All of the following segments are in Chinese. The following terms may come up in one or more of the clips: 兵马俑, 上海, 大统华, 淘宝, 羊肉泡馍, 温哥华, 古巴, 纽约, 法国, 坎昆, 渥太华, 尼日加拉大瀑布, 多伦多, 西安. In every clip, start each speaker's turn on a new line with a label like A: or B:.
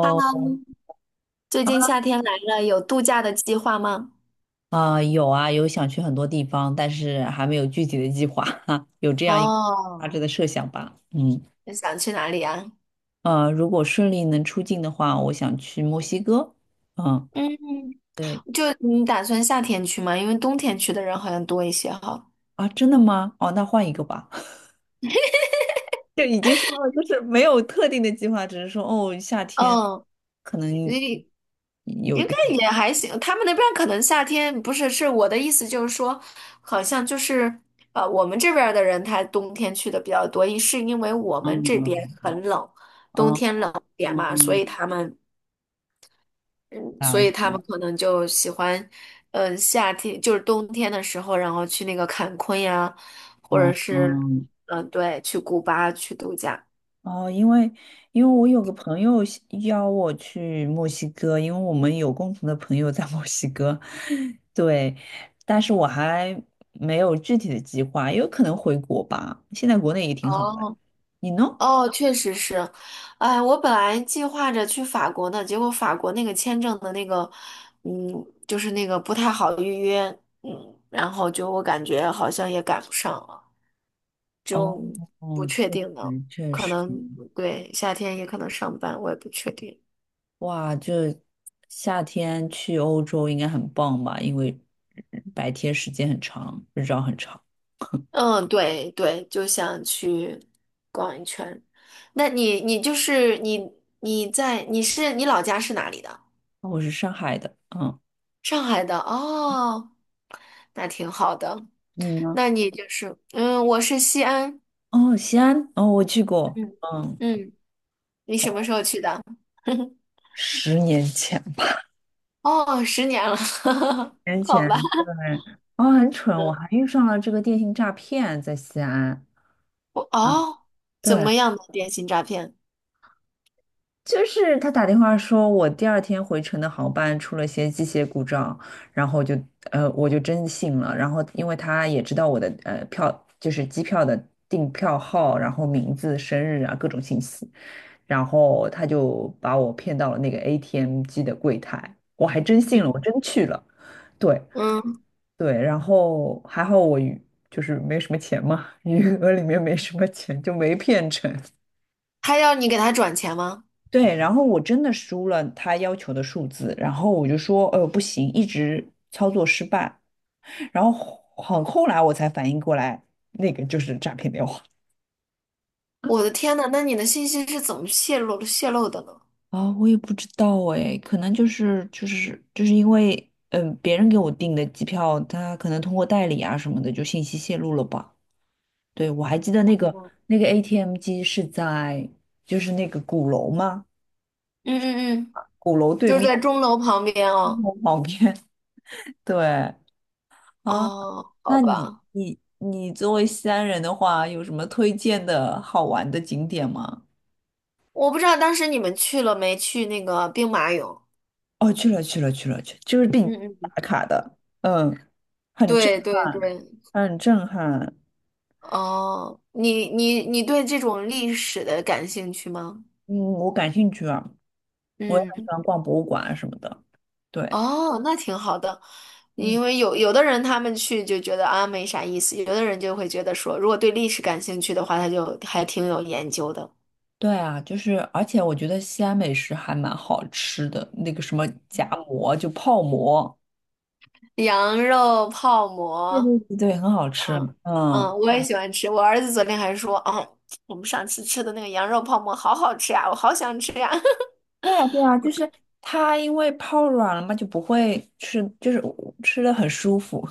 A: 哈 喽，最近夏天来了，有度假的计划吗？
B: 啊、有啊，有想去很多地方，但是还没有具体的计划哈，有这样一个大
A: 哦，
B: 致的设想吧。嗯，
A: 你想去哪里啊？
B: 如果顺利能出境的话，我想去墨西哥。嗯，
A: 嗯，
B: 对
A: 就你打算夏天去吗？因为冬天去的人好像多一些哈。
B: 啊，真的吗？哦，那换一个吧。就已经说了，就是没有特定的计划，只是说哦，夏天
A: 嗯，
B: 可能
A: 你
B: 有
A: 应
B: 个
A: 该也还行。他们那边可能夏天不是，是我的意思就是说，好像就是我们这边儿的人他冬天去的比较多，一是因为我们这边
B: 嗯
A: 很冷，冬
B: 哦
A: 天冷一点嘛，所以
B: 嗯
A: 他们。嗯，所以他
B: 啊
A: 们可能就喜欢，嗯，夏天就是冬天的时候，然后去那个坎昆呀，或者
B: 嗯
A: 是，
B: 嗯。
A: 嗯，对，去古巴去度假。
B: 哦，因为我有个朋友喜邀我去墨西哥，因为我们有共同的朋友在墨西哥，对，但是我还没有具体的计划，有可能回国吧。现在国内也挺好的，
A: 哦
B: 你呢？
A: 哦，确实是，哎，我本来计划着去法国呢，结果法国那个签证的那个，嗯，就是那个不太好预约，嗯，然后就我感觉好像也赶不上了，
B: 哦，
A: 就不
B: 哦，
A: 确
B: 确
A: 定呢，
B: 实确
A: 可
B: 实，
A: 能对夏天也可能上班，我也不确定。
B: 哇，就夏天去欧洲应该很棒吧？因为白天时间很长，日照很长。
A: 嗯，对对，就想去逛一圈。那你就是你在你老家是哪里的？
B: 哦我是上海的，嗯，
A: 上海的哦，那挺好的。
B: 你呢？
A: 那你就是嗯，我是西安。
B: 哦，西安，哦，我去过，
A: 嗯
B: 嗯。
A: 嗯，你什么时候去的？
B: 10年前，
A: 哦，10年了，
B: 年
A: 好
B: 前
A: 吧。
B: 对，哦，很蠢，我还遇上了这个电信诈骗，在西安。
A: 我
B: 嗯
A: 哦，怎
B: 对，
A: 么样的电信诈骗？
B: 就是他打电话说我第2天回程的航班出了些机械故障，然后就我就真信了，然后因为他也知道我的票就是机票的订票号，然后名字、生日啊各种信息，然后他就把我骗到了那个 ATM 机的柜台，我还真信了，我
A: 嗯
B: 真去了。对，
A: 嗯，
B: 对，然后还好就是没什么钱嘛，余额里面没什么钱，就没骗成。
A: 还要你给他转钱吗？
B: 对，然后我真的输了他要求的数字，然后我就说，不行，一直操作失败。然后很后来我才反应过来，那个就是诈骗电话。
A: 我的天呐，那你的信息是怎么泄露的呢？
B: 啊，我也不知道哎，可能就是因为，嗯、别人给我订的机票，他可能通过代理啊什么的，就信息泄露了吧。对，我还记得那个
A: 哦
B: 那个 ATM 机是在就是那个鼓楼吗？
A: 嗯嗯嗯，
B: 鼓楼对
A: 就是
B: 面，
A: 在钟楼旁边
B: 鼓
A: 哦。
B: 楼旁边。对啊，
A: 哦，好
B: 那你
A: 吧，
B: 你你作为西安人的话，有什么推荐的好玩的景点吗？
A: 我不知道当时你们去了没去那个兵马俑。
B: 哦，去了去了去了去，就是必
A: 嗯嗯
B: 打
A: 嗯。
B: 卡的，嗯，
A: 对对对，
B: 很震撼，
A: 哦，你对这种历史的感兴趣吗？
B: 嗯，我感兴趣啊，我也很喜
A: 嗯，
B: 欢逛博物馆啊什么的。对，
A: 哦，那挺好的，
B: 嗯。
A: 因为有的人他们去就觉得啊没啥意思，有的人就会觉得说，如果对历史感兴趣的话，他就还挺有研究的。
B: 对啊，就是，而且我觉得西安美食还蛮好吃的，那个什么夹馍，就泡馍，
A: 羊肉泡
B: 对
A: 馍，
B: 对对，对很好吃。
A: 嗯，
B: 嗯，
A: 我也喜欢吃。我儿子昨天还说，哦，我们上次吃的那个羊肉泡馍好好吃呀，我好想吃呀、
B: 对啊对啊，就是它因为泡软了嘛，就不会吃，就是吃的很舒服。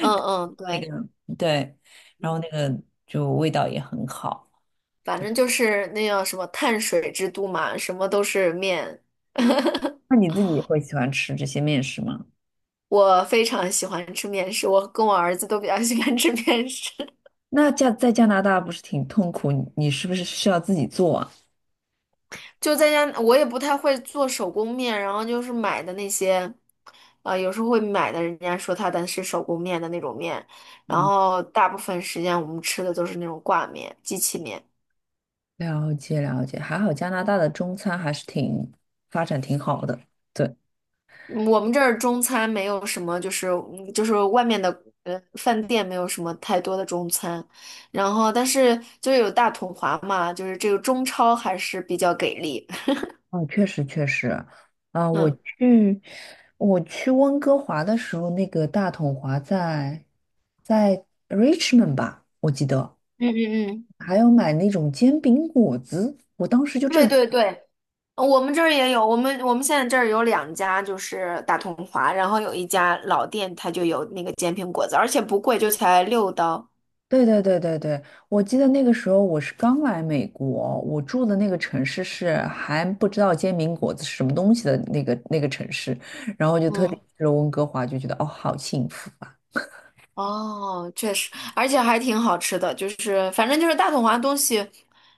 A: 嗯嗯，
B: 那
A: 对，
B: 个对，然后那个就味道也很好。
A: 反正就是那叫什么碳水之都嘛，什么都是面。
B: 那你自己会喜欢吃这些面食吗？
A: 我非常喜欢吃面食，我跟我儿子都比较喜欢吃面食。
B: 那加在加拿大不是挺痛苦，你是不是需要自己做啊？
A: 就在家，我也不太会做手工面，然后就是买的那些，有时候会买的，人家说它的是手工面的那种面，然后大部分时间我们吃的都是那种挂面、机器面。
B: 了解了解，还好加拿大的中餐还是发展挺好的。对，
A: 嗯我们这儿中餐没有什么，就是嗯就是外面的饭店没有什么太多的中餐，然后但是就有大统华嘛，就是这个中超还是比较给力。
B: 哦，确实确实，啊、我
A: 嗯
B: 去我去温哥华的时候，那个大统华在 Richmond 吧，我记得
A: 嗯嗯嗯，
B: 还有买那种煎饼果子，我当时就
A: 对
B: 震
A: 对对，我们这儿也有，我们现在这儿有2家，就是大统华，然后有一家老店，它就有那个煎饼果子，而且不贵，就才6刀。
B: 对对对对对，我记得那个时候我是刚来美国，我住的那个城市是还不知道煎饼果子是什么东西的那个城市，然后就特地
A: 嗯。
B: 去了温哥华，就觉得哦，好幸福啊！
A: 哦，确实，而且还挺好吃的，就是反正就是大统华东西，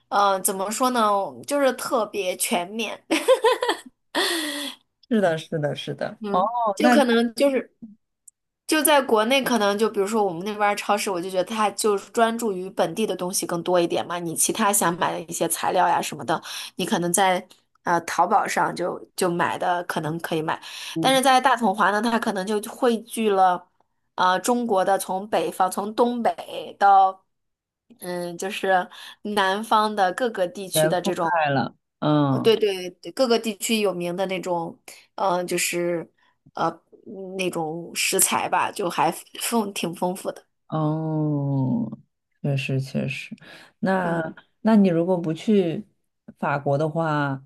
A: 呃，怎么说呢，就是特别全面，
B: 是的，是的，是的。哦，
A: 嗯，就
B: 那
A: 可能就是。就在国内，可能就比如说我们那边儿超市，我就觉得它就是专注于本地的东西更多一点嘛。你其他想买的一些材料呀什么的，你可能在淘宝上就买的可能可以买，但
B: 嗯
A: 是在大统华呢，它可能就汇聚了中国的从北方从东北到嗯就是南方的各个地区
B: 全
A: 的
B: 覆
A: 这种。
B: 盖了。嗯，
A: 对对对，各个地区有名的那种，呃，就是呃那种食材吧，就还挺丰富的。
B: 哦，确实确实。
A: 嗯，
B: 那你如果不去法国的话，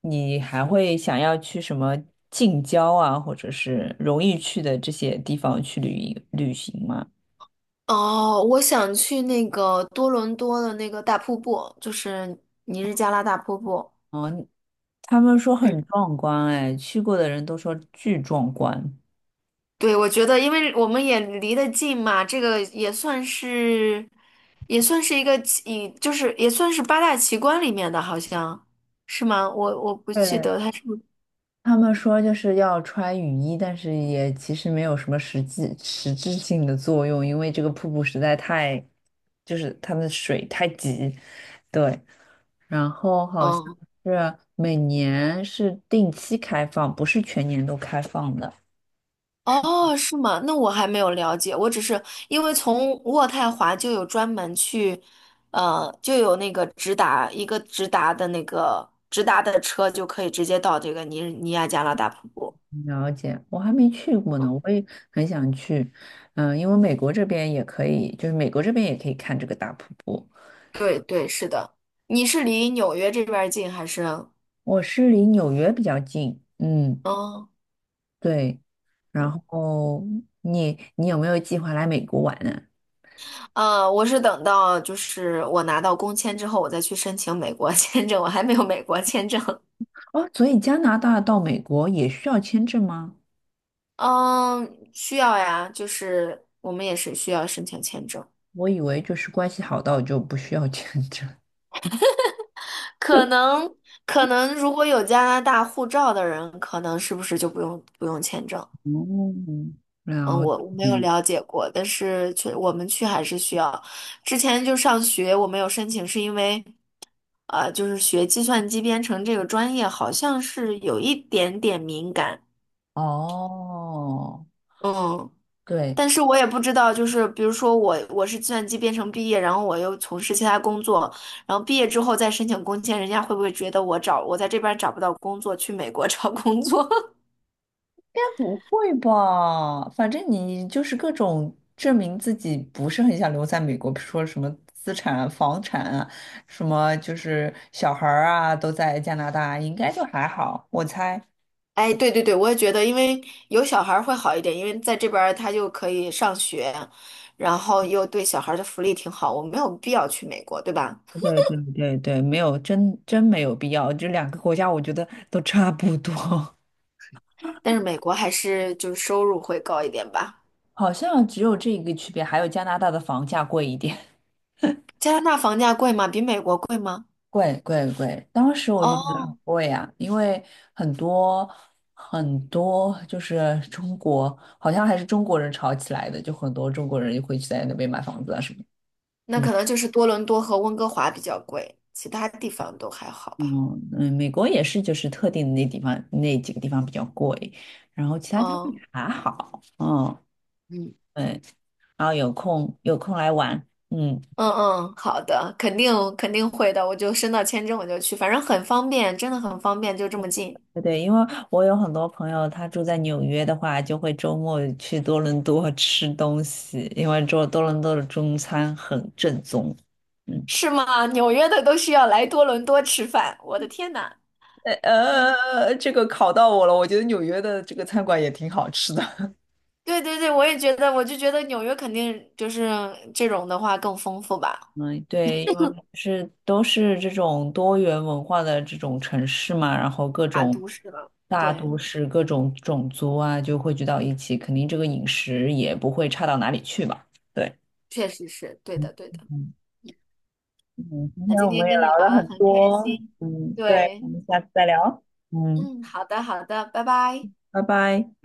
B: 你还会想要去什么近郊啊，或者是容易去的这些地方去旅游旅行吗？
A: 哦，我想去那个多伦多的那个大瀑布，就是尼日加拉大瀑布。
B: 他们说
A: 嗯，
B: 很壮观，哎，去过的人都说巨壮观。
A: 对，我觉得因为我们也离得近嘛，这个也算是也算是一个奇，就是也算是八大奇观里面的，好像是吗？我不记
B: 对，
A: 得它是不是。
B: 他们说就是要穿雨衣，但是也其实没有什么实质性的作用，因为这个瀑布实在太，就是它们的水太急。对。然后好像
A: 嗯
B: 是每年是定期开放，不是全年都开放的。
A: 哦，是吗？那我还没有了解，我只是因为从渥太华就有专门去，呃，就有那个直达一个直达的那个直达的车，就可以直接到这个尼亚加拉大瀑布。
B: 了解，我还没去过呢，我也很想去。嗯，因为美国这边也可以，就是美国这边也可以看这个大瀑布。
A: 对对，是的。你是离纽约这边儿近还是？
B: 我是离纽约比较近，嗯，
A: 嗯，
B: 对。然后你有没有计划来美国玩呢？
A: 呃，我是等到就是我拿到工签之后，我再去申请美国签证，我还没有美国签证。
B: 哦，所以加拿大到美国也需要签证吗？
A: 嗯，需要呀，就是我们也是需要申请签证。
B: 我以为就是关系好到就不需要 签证。
A: 可能可能如果有加拿大护照的人，可能是不是就不用签证？
B: 哦，
A: 嗯，
B: 了
A: 我没有
B: 解。
A: 了解过，但是去我们去还是需要。之前就上学，我没有申请，是因为呃，就是学计算机编程这个专业，好像是有一点点敏感。
B: 哦，
A: 嗯，
B: 对，
A: 但
B: 应
A: 是我也不知道，就是比如说我是计算机编程毕业，然后我又从事其他工作，然后毕业之后再申请工签，人家会不会觉得我在这边找不到工作，去美国 找工作？
B: 该不会吧？反正你就是各种证明自己不是很想留在美国，比如说什么资产啊房产啊，什么就是小孩儿啊都在加拿大，应该就还好，我猜。
A: 哎，对对对，我也觉得，因为有小孩儿会好一点，因为在这边儿他就可以上学，然后又对小孩儿的福利挺好，我没有必要去美国，对吧？
B: 对对对对，没有，真没有必要。这两个国家我觉得都差不多，
A: 但是美国还是就是收入会高一点吧。
B: 好像只有这一个区别，还有加拿大的房价贵一点。
A: 加拿大房价贵吗？比美国贵吗？
B: 贵贵贵，当时我就觉得很
A: 哦，
B: 贵呀、因为很多很多就是中国，好像还是中国人炒起来的，就很多中国人就会去在那边买房子啊什么的。
A: 那
B: 嗯
A: 可能就是多伦多和温哥华比较贵，其他地方都还好吧。
B: 嗯嗯，美国也是，就是特定的那几个地方比较贵，然后其他地方也
A: 嗯
B: 还好。嗯，
A: 嗯，
B: 对，然后有空有空来玩，嗯。
A: 嗯嗯，好的，肯定肯定会的，我就申到签证我就去，反正很方便，真的很方便，就这么近。
B: 对对，因为我有很多朋友，他住在纽约的话，就会周末去多伦多吃东西，因为做多伦多的中餐很正宗。嗯
A: 是吗？纽约的都需要来多伦多吃饭，我的天呐！
B: 呃，这个考到我了，我觉得纽约的这个餐馆也挺好吃的。
A: 对对对，我也觉得，我就觉得纽约肯定就是这种的话更丰富吧，
B: 嗯，对，因为是都是这种多元文化的这种城市嘛，然后各
A: 大
B: 种
A: 都市了。
B: 大
A: 对，
B: 都市、各种种族啊，就汇聚到一起，肯定这个饮食也不会差到哪里去吧？对。
A: 确实是，对的对的。
B: 嗯嗯，今
A: 那
B: 天
A: 今
B: 我们
A: 天
B: 也
A: 跟
B: 聊
A: 你聊
B: 了
A: 的
B: 很
A: 很开
B: 多，
A: 心。
B: 嗯，对，我
A: 对，
B: 们下次再聊，嗯，
A: 嗯，好的好的，拜拜。
B: 拜拜。